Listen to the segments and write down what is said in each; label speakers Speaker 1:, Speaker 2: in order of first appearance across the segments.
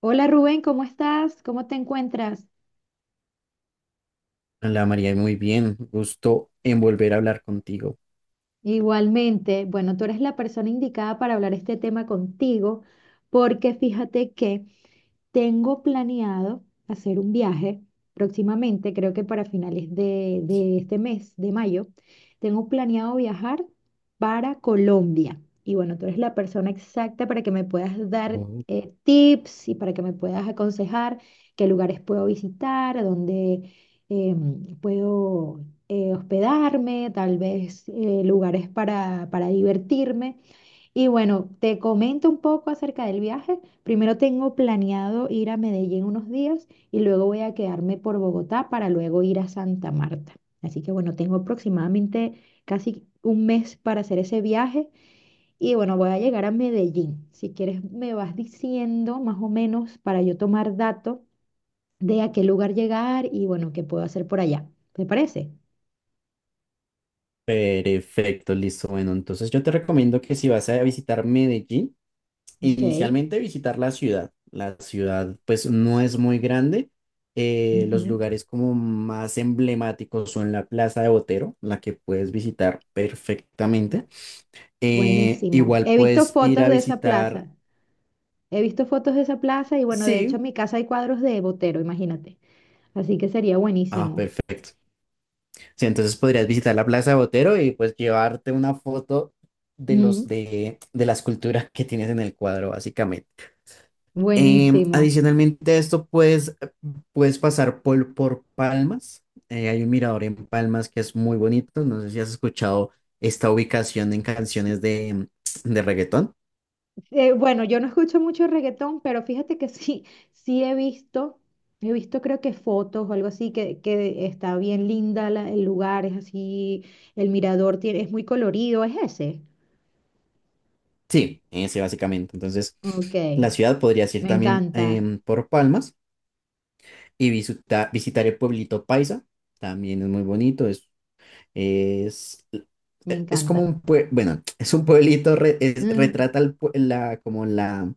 Speaker 1: Hola Rubén, ¿cómo estás? ¿Cómo te encuentras?
Speaker 2: Hola María, muy bien. Gusto en volver a hablar contigo.
Speaker 1: Igualmente, bueno, tú eres la persona indicada para hablar este tema contigo, porque fíjate que tengo planeado hacer un viaje próximamente, creo que para finales de este mes, de mayo, tengo planeado viajar para Colombia. Y bueno, tú eres la persona exacta para que me puedas dar
Speaker 2: Oh,
Speaker 1: tips y para que me puedas aconsejar qué lugares puedo visitar, a dónde puedo hospedarme, tal vez lugares para divertirme. Y bueno, te comento un poco acerca del viaje. Primero tengo planeado ir a Medellín unos días y luego voy a quedarme por Bogotá para luego ir a Santa Marta. Así que bueno, tengo aproximadamente casi un mes para hacer ese viaje y bueno, voy a llegar a Medellín. Si quieres, me vas diciendo más o menos para yo tomar dato de a qué lugar llegar y bueno, qué puedo hacer por allá. ¿Te parece?
Speaker 2: perfecto, listo. Bueno, entonces yo te recomiendo que si vas a visitar Medellín,
Speaker 1: Ok.
Speaker 2: inicialmente visitar la ciudad. La ciudad pues no es muy grande. Los
Speaker 1: Ujú.
Speaker 2: lugares como más emblemáticos son la Plaza de Botero, la que puedes visitar perfectamente.
Speaker 1: Buenísimo.
Speaker 2: Igual
Speaker 1: He visto
Speaker 2: puedes ir
Speaker 1: fotos
Speaker 2: a
Speaker 1: de esa
Speaker 2: visitar,
Speaker 1: plaza. He visto fotos de esa plaza y bueno, de hecho en
Speaker 2: sí,
Speaker 1: mi casa hay cuadros de Botero, imagínate. Así que sería
Speaker 2: ah,
Speaker 1: buenísimo.
Speaker 2: perfecto. Sí, entonces podrías visitar la Plaza de Botero y pues llevarte una foto
Speaker 1: Ujú.
Speaker 2: de las culturas que tienes en el cuadro, básicamente.
Speaker 1: Buenísimo.
Speaker 2: Adicionalmente a esto, pues puedes pasar por Palmas. Hay un mirador en Palmas que es muy bonito. No sé si has escuchado esta ubicación en
Speaker 1: S-
Speaker 2: canciones de reggaetón.
Speaker 1: bueno, yo no escucho mucho reggaetón, pero fíjate que sí, sí he visto creo que fotos o algo así, que está bien linda el lugar, es así, el mirador tiene, es muy colorido, es ese.
Speaker 2: Sí, ese básicamente. Entonces,
Speaker 1: Ok,
Speaker 2: la ciudad podrías ir
Speaker 1: me
Speaker 2: también
Speaker 1: encanta,
Speaker 2: por Palmas y visitar el pueblito Paisa. También es muy bonito. Es,
Speaker 1: me
Speaker 2: e- es como
Speaker 1: encanta.
Speaker 2: un pue- Bueno, es un pueblito,
Speaker 1: Ujú.
Speaker 2: retrata el pue- la, como la,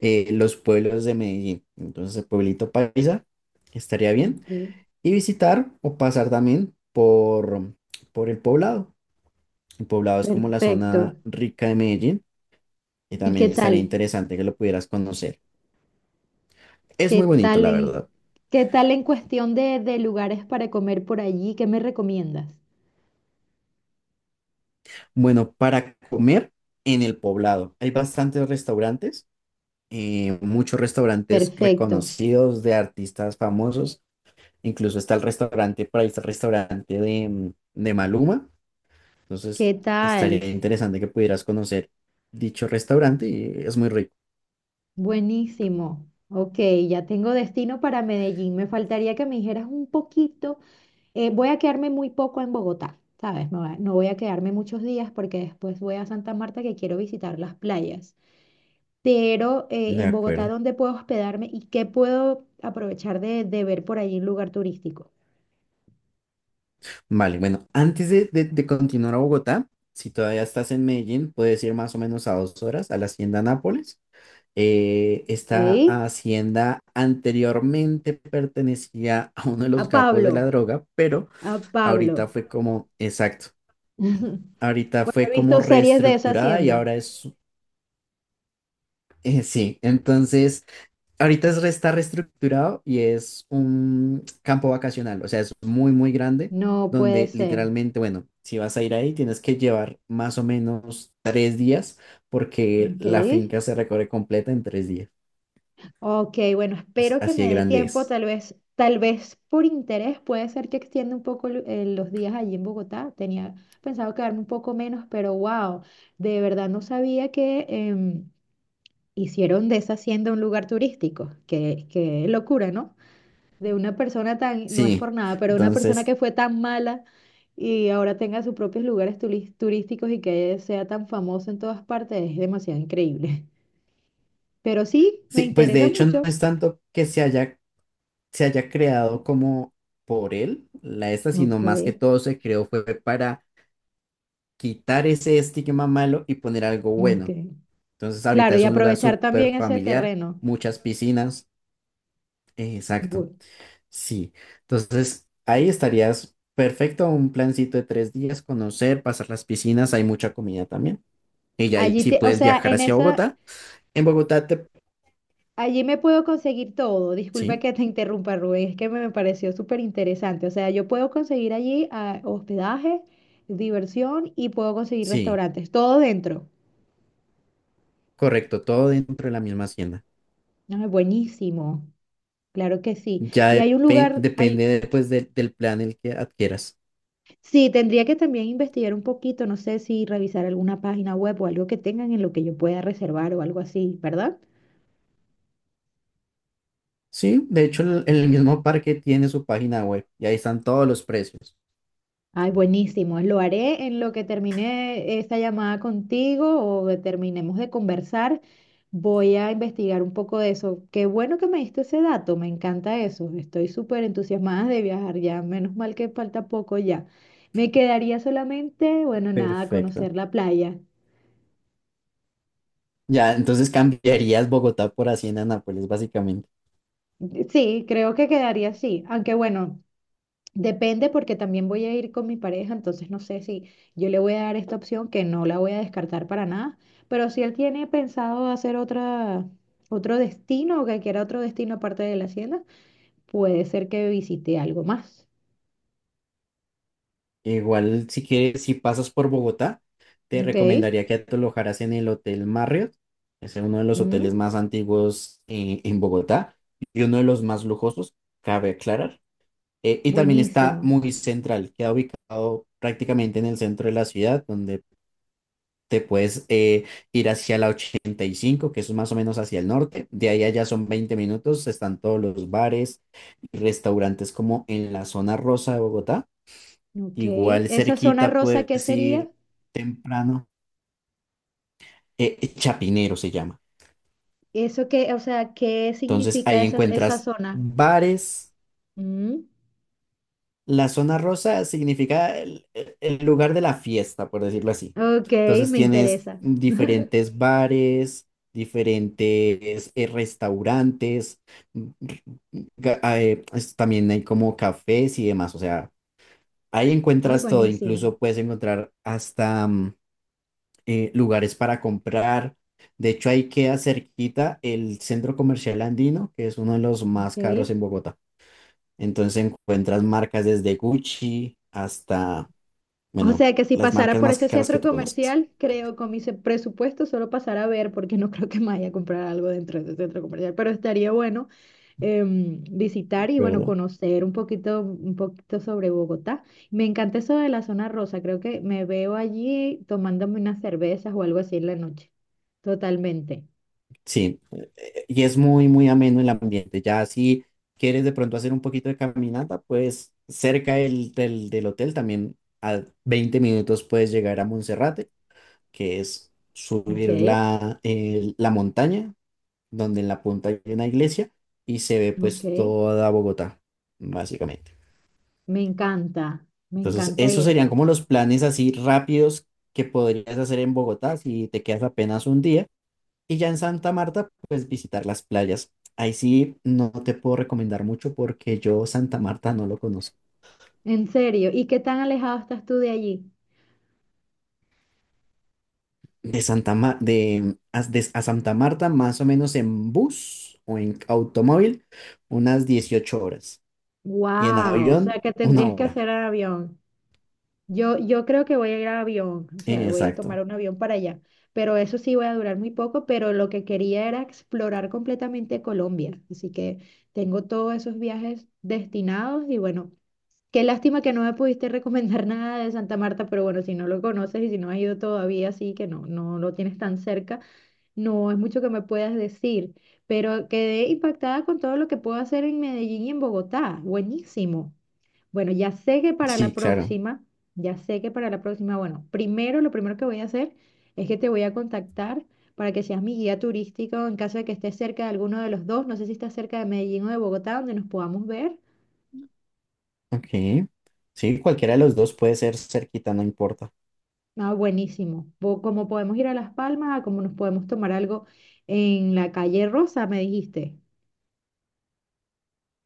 Speaker 2: los pueblos de Medellín. Entonces, el pueblito paisa estaría bien.
Speaker 1: Ok.
Speaker 2: Y visitar o pasar también por el poblado. El poblado es como la zona
Speaker 1: Perfecto.
Speaker 2: rica de Medellín y
Speaker 1: ¿Y qué
Speaker 2: también estaría
Speaker 1: tal?
Speaker 2: interesante que lo pudieras conocer. Es
Speaker 1: ¿Qué
Speaker 2: muy bonito,
Speaker 1: tal
Speaker 2: la
Speaker 1: en,
Speaker 2: verdad.
Speaker 1: ¿qué tal en cuestión de lugares para comer por allí? ¿Qué me recomiendas?
Speaker 2: Bueno, para comer en el poblado hay bastantes restaurantes. Muchos restaurantes
Speaker 1: Perfecto.
Speaker 2: reconocidos de artistas famosos. Incluso está el restaurante, por ahí está el restaurante de Maluma. Entonces,
Speaker 1: ¿Qué
Speaker 2: estaría
Speaker 1: tal?
Speaker 2: interesante que pudieras conocer dicho restaurante y es muy rico.
Speaker 1: Buenísimo. Ok, ya tengo destino para Medellín. Me faltaría que me dijeras un poquito. Voy a quedarme muy poco en Bogotá, ¿sabes? No, no voy a quedarme muchos días porque después voy a Santa Marta que quiero visitar las playas. Pero
Speaker 2: De
Speaker 1: en Bogotá,
Speaker 2: acuerdo.
Speaker 1: ¿dónde puedo hospedarme y qué puedo aprovechar de ver por allí un lugar turístico?
Speaker 2: Vale, bueno, antes de continuar a Bogotá, si todavía estás en Medellín, puedes ir más o menos a 2 horas a la Hacienda Nápoles. Esta
Speaker 1: Ey,
Speaker 2: hacienda anteriormente pertenecía a uno de
Speaker 1: a
Speaker 2: los capos de
Speaker 1: Pablo,
Speaker 2: la droga, pero
Speaker 1: a Pablo.
Speaker 2: ahorita fue como, exacto, ahorita
Speaker 1: Bueno,
Speaker 2: fue
Speaker 1: he
Speaker 2: como
Speaker 1: visto series de esa
Speaker 2: reestructurada y
Speaker 1: hacienda.
Speaker 2: ahora es, sí, entonces, está reestructurado y es un campo vacacional, o sea, es muy, muy grande,
Speaker 1: No puede
Speaker 2: donde
Speaker 1: ser.
Speaker 2: literalmente, bueno, si vas a ir ahí, tienes que llevar más o menos 3 días, porque
Speaker 1: Ok.
Speaker 2: la finca se recorre completa en 3 días,
Speaker 1: Ok, bueno,
Speaker 2: pues
Speaker 1: espero que
Speaker 2: así de
Speaker 1: me dé
Speaker 2: grande
Speaker 1: tiempo.
Speaker 2: es.
Speaker 1: Tal vez por interés puede ser que extienda un poco los días allí en Bogotá. Tenía pensado quedarme un poco menos, pero wow, de verdad no sabía que hicieron de esa hacienda un lugar turístico. Qué locura, ¿no? De una persona tan, no es por
Speaker 2: Sí,
Speaker 1: nada, pero una persona
Speaker 2: entonces,
Speaker 1: que fue tan mala y ahora tenga sus propios lugares turísticos y que sea tan famoso en todas partes, es demasiado increíble. Pero sí, me
Speaker 2: sí, pues de
Speaker 1: interesa
Speaker 2: hecho no
Speaker 1: mucho.
Speaker 2: es tanto que se haya creado como por él, la esta, sino
Speaker 1: Ok,
Speaker 2: más que todo se creó fue para quitar ese estigma malo y poner algo bueno.
Speaker 1: ok.
Speaker 2: Entonces ahorita
Speaker 1: Claro, y
Speaker 2: es un lugar
Speaker 1: aprovechar
Speaker 2: súper
Speaker 1: también ese
Speaker 2: familiar,
Speaker 1: terreno.
Speaker 2: muchas piscinas, exacto,
Speaker 1: Bu-
Speaker 2: sí. Entonces ahí estarías perfecto, un plancito de 3 días, conocer, pasar las piscinas, hay mucha comida también. Y ya ahí
Speaker 1: Allí
Speaker 2: sí
Speaker 1: te, o
Speaker 2: puedes
Speaker 1: sea,
Speaker 2: viajar hacia Bogotá. En Bogotá te...
Speaker 1: allí me puedo conseguir todo. Disculpa
Speaker 2: Sí,
Speaker 1: que te interrumpa, Rubén, es que me pareció súper interesante. O sea, yo puedo conseguir allí hospedaje, diversión y puedo conseguir
Speaker 2: sí,
Speaker 1: restaurantes, todo dentro.
Speaker 2: correcto, todo dentro de la misma hacienda.
Speaker 1: Ah, buenísimo, claro que sí.
Speaker 2: Ya
Speaker 1: Y hay un lugar,
Speaker 2: depende
Speaker 1: hay,
Speaker 2: de, pues, del plan el que adquieras.
Speaker 1: sí, tendría que también investigar un poquito, no sé si revisar alguna página web o algo que tengan en lo que yo pueda reservar o algo así, ¿verdad?
Speaker 2: Sí, de hecho el mismo parque tiene su página web y ahí están todos los precios.
Speaker 1: Ay, buenísimo. Lo haré en lo que termine esta llamada contigo o terminemos de conversar. Voy a investigar un poco de eso. Qué bueno que me diste ese dato, me encanta eso. Estoy súper entusiasmada de viajar ya, menos mal que falta poco ya. Me quedaría solamente, bueno, nada,
Speaker 2: Perfecto.
Speaker 1: conocer la playa.
Speaker 2: Ya, entonces cambiarías Bogotá por Hacienda Nápoles, básicamente.
Speaker 1: Sí, creo que quedaría así, aunque bueno, depende porque también voy a ir con mi pareja, entonces no sé si yo le voy a dar esta opción que no la voy a descartar para nada, pero si él tiene pensado hacer otra, otro destino o que quiera otro destino aparte de la hacienda, puede ser que visite algo más.
Speaker 2: Igual si quieres, si pasas por Bogotá, te
Speaker 1: Ok,
Speaker 2: recomendaría que te alojaras en el Hotel Marriott. Es uno de los hoteles
Speaker 1: mm,
Speaker 2: más antiguos en Bogotá y uno de los más lujosos, cabe aclarar. Y también está
Speaker 1: buenísimo.
Speaker 2: muy central, queda ubicado prácticamente en el centro de la ciudad, donde te puedes ir hacia la 85 que es más o menos hacia el norte. De ahí allá son 20 minutos, están todos los bares y restaurantes como en la zona rosa de Bogotá.
Speaker 1: Ok,
Speaker 2: Igual
Speaker 1: esa zona
Speaker 2: cerquita
Speaker 1: rosa, ¿qué
Speaker 2: puedes
Speaker 1: sería?
Speaker 2: ir temprano, Chapinero se llama.
Speaker 1: Eso que, o sea, ¿qué
Speaker 2: Entonces
Speaker 1: significa
Speaker 2: ahí
Speaker 1: esa
Speaker 2: encuentras
Speaker 1: zona?
Speaker 2: bares.
Speaker 1: Mm,
Speaker 2: La zona rosa significa el lugar de la fiesta, por decirlo así.
Speaker 1: ok,
Speaker 2: Entonces
Speaker 1: me
Speaker 2: tienes
Speaker 1: interesa.
Speaker 2: diferentes bares, diferentes restaurantes, mm, también hay como cafés y demás. O sea, ahí
Speaker 1: Ay,
Speaker 2: encuentras todo.
Speaker 1: buenísimo.
Speaker 2: Incluso puedes encontrar hasta lugares para comprar. De hecho, ahí queda cerquita el centro comercial andino, que es uno de los más caros
Speaker 1: Ok.
Speaker 2: en Bogotá. Entonces encuentras marcas desde Gucci hasta,
Speaker 1: O
Speaker 2: bueno,
Speaker 1: sea que si
Speaker 2: las
Speaker 1: pasara
Speaker 2: marcas
Speaker 1: por
Speaker 2: más
Speaker 1: ese
Speaker 2: caras que
Speaker 1: centro
Speaker 2: tú conozcas,
Speaker 1: comercial, creo con mi presupuesto solo pasar a ver, porque no creo que me vaya a comprar algo dentro de ese centro comercial, pero estaría bueno visitar y bueno,
Speaker 2: ¿verdad?
Speaker 1: conocer un poquito sobre Bogotá. Me encanta eso de la zona rosa, creo que me veo allí tomándome unas cervezas o algo así en la noche. Totalmente.
Speaker 2: Sí, y es muy, muy ameno el ambiente. Ya si quieres de pronto hacer un poquito de caminata, pues cerca del hotel también a 20 minutos puedes llegar a Monserrate, que es
Speaker 1: Ok,
Speaker 2: subir la montaña, donde en la punta hay una iglesia y se ve
Speaker 1: ok.
Speaker 2: pues toda Bogotá, básicamente.
Speaker 1: Me
Speaker 2: Entonces,
Speaker 1: encanta
Speaker 2: esos serían
Speaker 1: eso.
Speaker 2: como los planes así rápidos que podrías hacer en Bogotá si te quedas apenas un día. Y ya en Santa Marta, pues visitar las playas. Ahí sí no te puedo recomendar mucho porque yo Santa Marta no lo conozco.
Speaker 1: En serio, ¿y qué tan alejado estás tú de allí?
Speaker 2: De Santa Ma- de- a Santa Marta, más o menos en bus o en automóvil, unas 18 horas. Y en
Speaker 1: Wow, o sea
Speaker 2: avión,
Speaker 1: que
Speaker 2: una
Speaker 1: tendrías que
Speaker 2: hora.
Speaker 1: hacer avión. Yo creo que voy a ir a avión, o sea, voy a
Speaker 2: Exacto.
Speaker 1: tomar un avión para allá, pero eso sí voy a durar muy poco, pero lo que quería era explorar completamente Colombia, así que tengo todos esos viajes destinados y bueno, qué lástima que no me pudiste recomendar nada de Santa Marta, pero bueno, si no lo conoces y si no has ido todavía, sí que no, no lo tienes tan cerca, no es mucho que me puedas decir, pero quedé impactada con todo lo que puedo hacer en Medellín y en Bogotá, buenísimo. Bueno, ya sé que para la
Speaker 2: Sí, claro.
Speaker 1: próxima, ya sé que para la próxima, bueno, primero lo primero que voy a hacer es que te voy a contactar para que seas mi guía turístico en caso de que estés cerca de alguno de los dos, no sé si estás cerca de Medellín o de Bogotá, donde nos podamos ver.
Speaker 2: Ok. Sí, cualquiera de
Speaker 1: Sí.
Speaker 2: los dos puede ser cerquita, no importa.
Speaker 1: Ah, buenísimo. Como podemos ir a Las Palmas, como nos podemos tomar algo en la calle Rosa, me dijiste.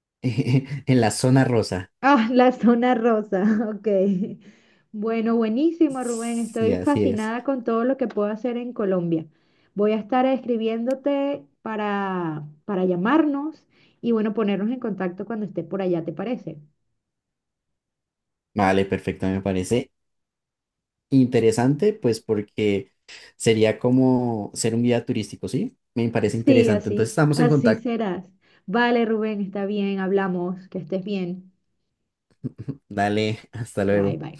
Speaker 2: En la zona rosa.
Speaker 1: Ah, la zona rosa, ok. Bueno, buenísimo, Rubén.
Speaker 2: Sí,
Speaker 1: Estoy
Speaker 2: así es.
Speaker 1: fascinada con todo lo que puedo hacer en Colombia. Voy a estar escribiéndote para llamarnos y bueno, ponernos en contacto cuando esté por allá, ¿te parece?
Speaker 2: Vale, perfecto, me parece interesante, pues porque sería como ser un guía turístico, ¿sí? Me parece
Speaker 1: Sí,
Speaker 2: interesante. Entonces
Speaker 1: así,
Speaker 2: estamos en
Speaker 1: así
Speaker 2: contacto.
Speaker 1: serás. Vale, Rubén, está bien, hablamos, que estés bien.
Speaker 2: Dale, hasta
Speaker 1: Bye,
Speaker 2: luego.
Speaker 1: bye.